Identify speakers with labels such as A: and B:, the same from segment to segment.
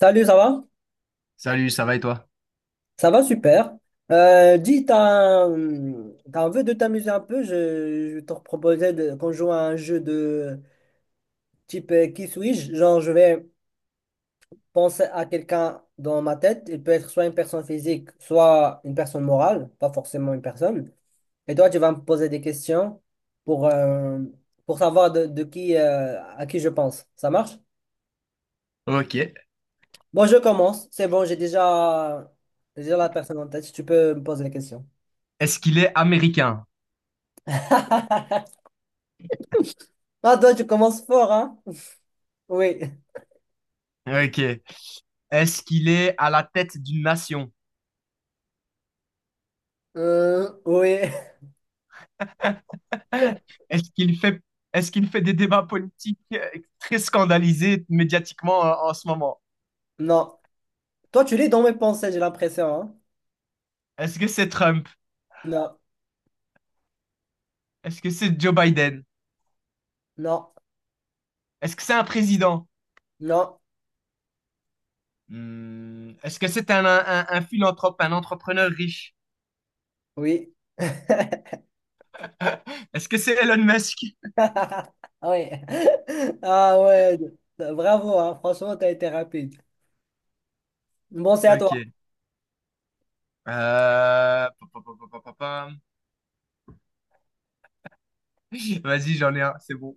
A: Salut, ça va?
B: Salut, ça va et toi?
A: Ça va super. Dis, t'as un, t'as envie de t'amuser un peu? Je te proposais de- qu'on joue à un jeu de type qui suis-je? Genre, je vais penser à quelqu'un dans ma tête. Il peut être soit une personne physique, soit une personne morale, pas forcément une personne. Et toi, tu vas me poser des questions pour, euh, pour savoir de qui, à qui je pense. Ça marche?
B: Ok.
A: Bon, je commence. C'est bon, j'ai déjà, J'ai déjà la personne en tête. Tu peux me poser les questions.
B: Est-ce qu'il est américain?
A: Ah, toi, tu commences fort, hein? Oui.
B: Ok. Est-ce qu'il est à la tête d'une nation?
A: Oui.
B: Est-ce qu'il fait, est-ce qu'il fait des débats politiques très scandalisés médiatiquement en ce moment?
A: Non. Toi, tu lis dans mes pensées, j'ai l'impression, hein?
B: Est-ce que c'est Trump?
A: Non.
B: Est-ce que c'est Joe Biden?
A: Non.
B: Est-ce que c'est un président?
A: Non.
B: Hmm, est-ce que c'est un philanthrope, un entrepreneur riche?
A: Oui.
B: Est-ce que c'est Elon Musk?
A: Ah, oui. Ah ouais. Bravo, hein. Franchement, t'as été rapide. Bon, c'est à toi.
B: Ok. Pa, pa, pa, pa, pa, pa, pa. Vas-y, j'en ai un, c'est bon.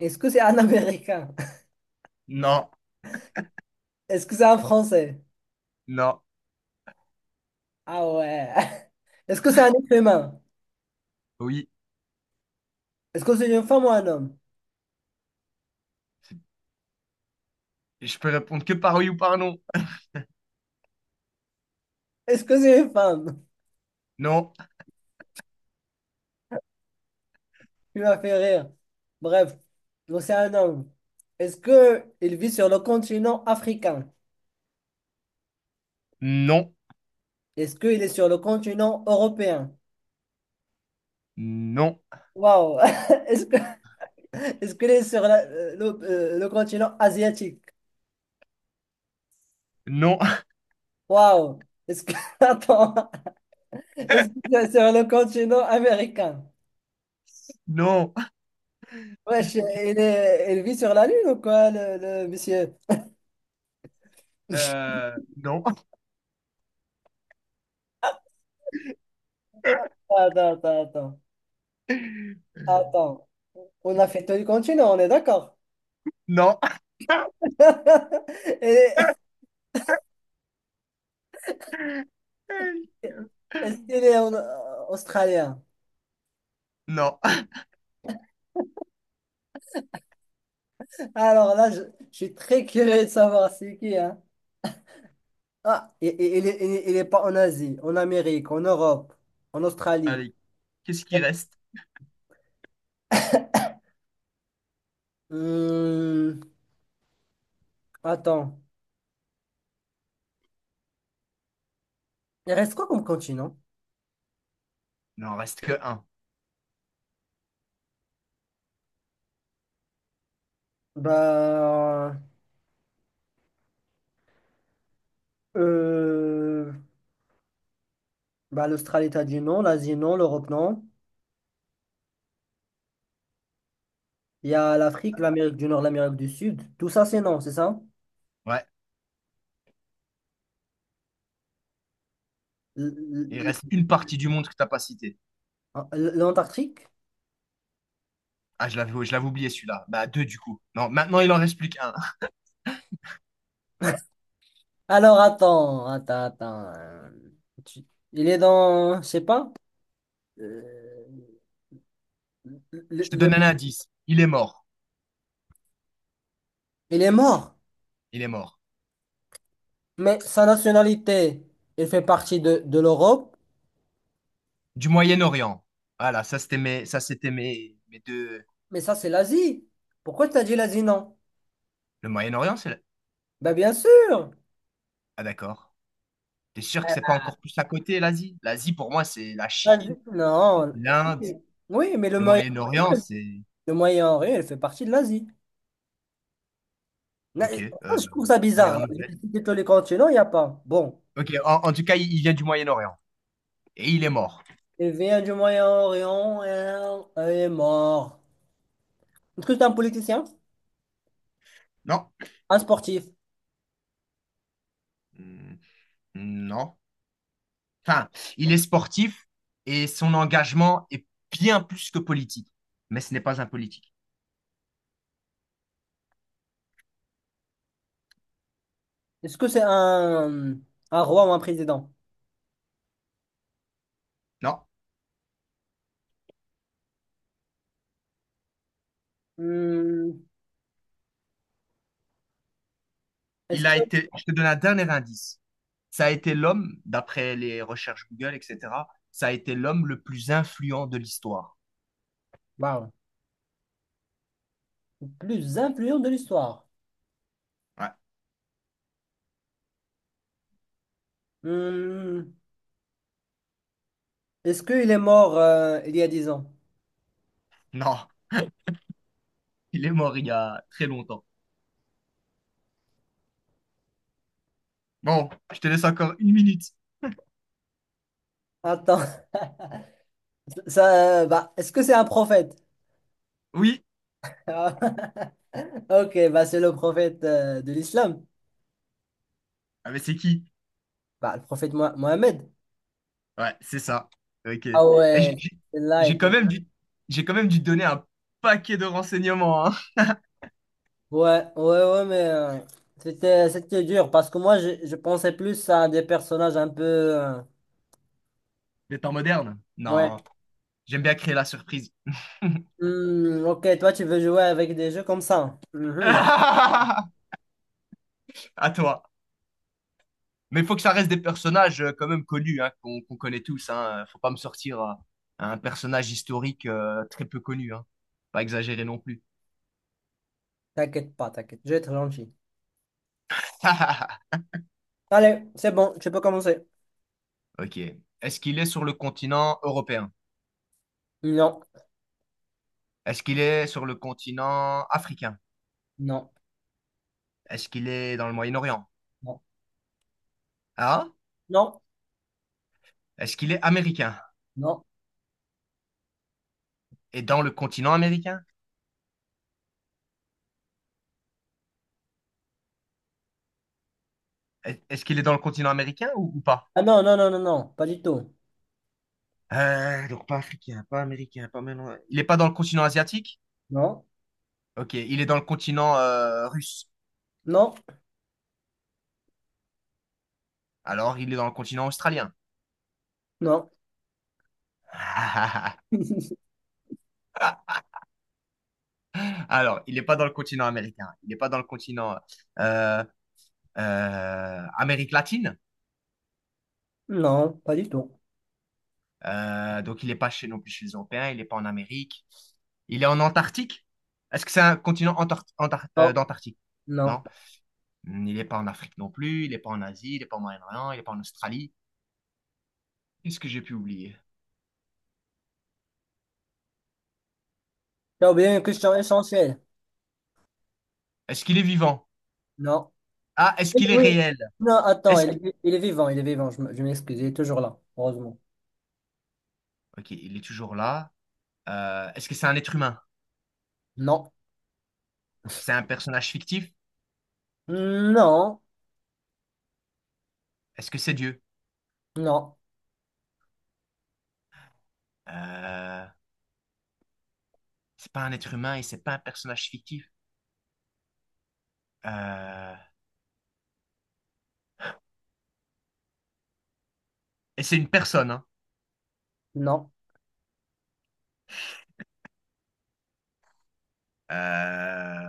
A: Est-ce que c'est un Américain?
B: Non,
A: Est-ce que c'est un Français?
B: non,
A: Ah ouais. Est-ce que c'est un être humain?
B: oui.
A: Est-ce que c'est une femme ou un homme?
B: Et je peux répondre que par oui ou par non.
A: Est-ce que c'est une femme?
B: Non,
A: Tu m'as fait rire. Bref, c'est un homme. Est-ce que il vit sur le continent africain?
B: non,
A: Est-ce qu'il est sur le continent européen?
B: non,
A: Waouh! Est-ce que est-ce qu'il est sur le continent asiatique?
B: non,
A: Waouh! Est-ce que attends, est-ce que c'est sur le continent américain?
B: non,
A: Wesh, il vit sur la Lune ou quoi, le monsieur?
B: non,
A: Attends, attends, attends. Attends. On a fait tout le continent, on est d'accord?
B: non,
A: Et- Est-ce qu'il est australien?
B: non.
A: Alors là, je suis très curieux de savoir c'est qui, hein? Ah, il il est pas en Asie, en Amérique, en Europe, en Australie.
B: Allez, qu'est-ce qui reste?
A: Hmm, attends. Il reste quoi comme continent?
B: Non, il reste que un.
A: Bah, euh, bah l'Australie, t'as dit non, l'Asie, non, l'Europe, non. Il y a l'Afrique, l'Amérique du Nord, l'Amérique du Sud. Tout ça, c'est non, c'est ça?
B: Ouais,
A: L-
B: il reste
A: l-
B: une partie du monde que t'as pas cité.
A: L'Antarctique?
B: Ah, je l'avais oublié celui-là. Bah, deux du coup. Non, maintenant il en reste plus qu'un.
A: Alors attends, attends, attends. Tu- Il est dans, je sais pas. euh,
B: Je te
A: le-
B: donne un indice. Il est mort.
A: Il est mort.
B: Il est mort.
A: Mais sa nationalité, il fait partie de l'Europe.
B: Du Moyen-Orient. Voilà, mes deux.
A: Mais ça, c'est l'Asie. Pourquoi tu as dit l'Asie, non?
B: Le Moyen-Orient, c'est. Le-
A: Ben bien sûr.
B: Ah d'accord. T'es sûr que c'est pas encore plus à côté, l'Asie? L'Asie, pour moi, c'est la Chine,
A: L'Asie- Non.
B: l'Inde,
A: Oui, oui, mais
B: le Moyen-Orient, c'est...
A: Le Moyen-Orient, il fait partie de l'Asie. Na- ça,
B: Ok,
A: je trouve ça
B: première
A: bizarre, hein.
B: nouvelle.
A: J'ai cité tous les continents, il n'y a pas. Bon.
B: Ok, en tout cas, il vient du Moyen-Orient. Et il est mort.
A: Il vient du Moyen-Orient, et il est mort. Est-ce que c'est un politicien?
B: Non.
A: Un sportif.
B: Hmm, non. Enfin, il est sportif et son engagement est bien plus que politique. Mais ce n'est pas un politique.
A: Est-ce que c'est un roi ou un président?
B: Non.
A: Hmm, Est-ce
B: Il a
A: que...
B: été... Je te donne un dernier indice. Ça a été l'homme, d'après les recherches Google, etc., ça a été l'homme le plus influent de l'histoire.
A: Waouh. Le plus influent de l'histoire.
B: Ouais.
A: Hmm, Est-ce qu'il est mort il y a 10 ans?
B: Non. Il est mort il y a très longtemps. Bon, je te laisse encore une minute.
A: Attends. Ça, bah, est-ce que c'est un prophète?
B: Oui?
A: Ah, ok, bah, c'est le prophète de l'islam.
B: Ah, mais c'est qui?
A: Bah, le prophète Mohamed.
B: Ouais, c'est ça. Ok.
A: Ah
B: Eh, J'ai
A: ouais,
B: j'ai-
A: là
B: j'ai quand
A: était.
B: même dû, j'ai quand même dû te donner un paquet de renseignements, hein.
A: Ouais, ouais, ouais, mais c'était c'était dur parce que moi je pensais plus à des personnages un peu.
B: Des temps modernes?
A: Ouais.
B: Non. J'aime bien créer la surprise.
A: Ok, toi tu veux jouer avec des jeux comme ça. Mhm.
B: À toi. Mais il faut que ça reste des personnages quand même connus, hein, qu'on connaît tous, hein. Faut pas me sortir un personnage historique très peu connu, hein. Pas exagéré non plus.
A: T'inquiète pas, t'inquiète, je vais être gentil. Allez, c'est bon, tu peux commencer.
B: Ok. Est-ce qu'il est sur le continent européen?
A: Non,
B: Est-ce qu'il est sur le continent africain?
A: non,
B: Est-ce qu'il est dans le Moyen-Orient?
A: non,
B: Ah?
A: non,
B: Est-ce qu'il est américain?
A: non.
B: Et dans le continent américain? Est-ce qu'il est dans le continent américain ou pas?
A: Ah non, non, non, non, non, pas du tout.
B: Donc pas africain, pas américain, pas maintenant. Il n'est pas dans le continent asiatique?
A: Non,
B: Ok, il est dans le continent russe.
A: non,
B: Alors, il est dans le continent australien.
A: non,
B: Alors, il n'est pas dans le continent américain. Il n'est pas dans le continent euh, Amérique latine.
A: non, pas du tout.
B: Donc, il n'est pas chez, non plus chez les Européens, il n'est pas en Amérique. Il est en Antarctique. Est-ce que c'est un continent
A: Non,
B: d'Antarctique?
A: non.
B: Non. Il n'est pas en Afrique non plus, il n'est pas en Asie, il n'est pas au Moyen-Orient, il n'est pas en Australie. Qu'est-ce que j'ai pu oublier?
A: T'as oublié une question essentielle.
B: Est-ce qu'il est vivant?
A: Non.
B: Ah, est-ce
A: Oui,
B: qu'il est
A: oui.
B: réel?
A: Non, attends,
B: Est-ce... qu'-
A: il est vivant, je m'excuse, il est toujours là, heureusement.
B: Ok, il est toujours là. Est-ce que c'est un être humain?
A: Non,
B: C'est un personnage fictif?
A: non,
B: Est-ce que c'est Dieu?
A: non,
B: Euh, c'est pas un être humain et c'est pas un personnage fictif. Euh, et c'est une personne, hein.
A: non.
B: Euh,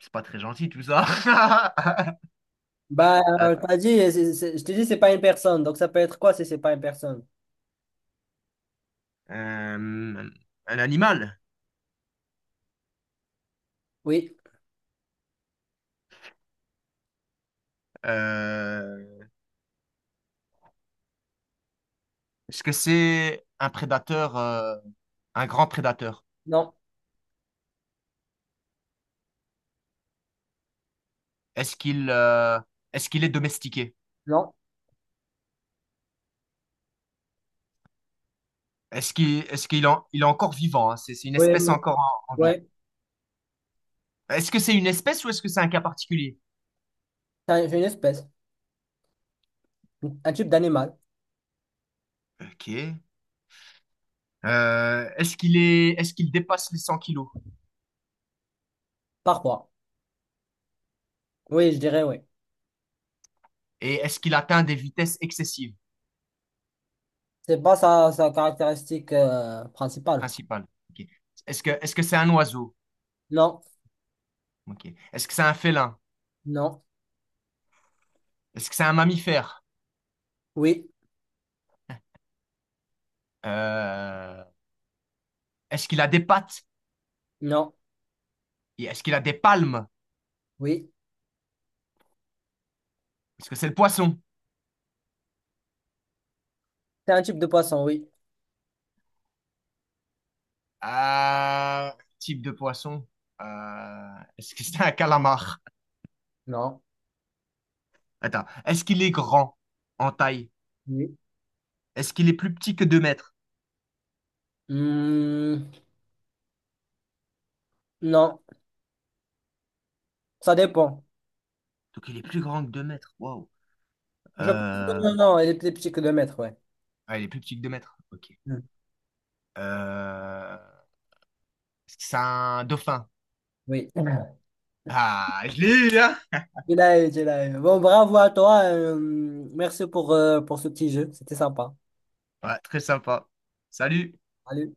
B: c'est pas très gentil tout ça.
A: Bah, t'as dit, je t'ai dit, c'est pas une personne. Donc, ça peut être quoi si c'est pas une personne?
B: Euh, un animal.
A: Oui,
B: Euh, est-ce que c'est un prédateur, un grand prédateur?
A: non,
B: Est-ce qu'il euh, est-ce qu'il est domestiqué?
A: non.
B: Il est encore vivant? Hein, c'est une
A: Oui,
B: espèce
A: non.
B: encore en vie.
A: Ouais.
B: Est-ce que c'est une espèce ou est-ce que c'est un cas particulier?
A: C'est une espèce, un type d'animal,
B: Ok. Est-ce qu'il dépasse les 100 kilos?
A: parfois. Oui, je dirais oui.
B: Et est-ce qu'il atteint des vitesses excessives
A: C'est pas sa caractéristique principale.
B: principales? Ok. Est-ce que c'est un oiseau?
A: Non,
B: Ok. Est-ce que c'est un félin?
A: non,
B: Est-ce que c'est un mammifère?
A: oui,
B: Euh, Est-ce qu'il a des pattes?
A: non,
B: Et est-ce qu'il a des palmes?
A: oui.
B: Est-ce que c'est le poisson?
A: C'est un type de poisson, oui.
B: Euh, Type de poisson. Est-ce que c'est un calamar?
A: Non,
B: Attends. Est-ce qu'il est grand en taille?
A: oui.
B: Est-ce qu'il est plus petit que 2 mètres?
A: Hmm, non, ça dépend.
B: Donc il est plus grand que 2 mètres. Waouh.
A: Je pense que
B: Euh,
A: non, non, non, il est plus petit que 2 m, ouais.
B: ah, il est plus petit que 2 mètres. Ok.
A: Hmm.
B: Euh, est-ce que c'est un dauphin?
A: Oui.
B: Ah, je l'ai eu, hein?
A: Il a eu, il a eu. Bon, bravo à toi. Merci pour ce petit jeu. C'était sympa.
B: Ouais, très sympa. Salut.
A: Salut.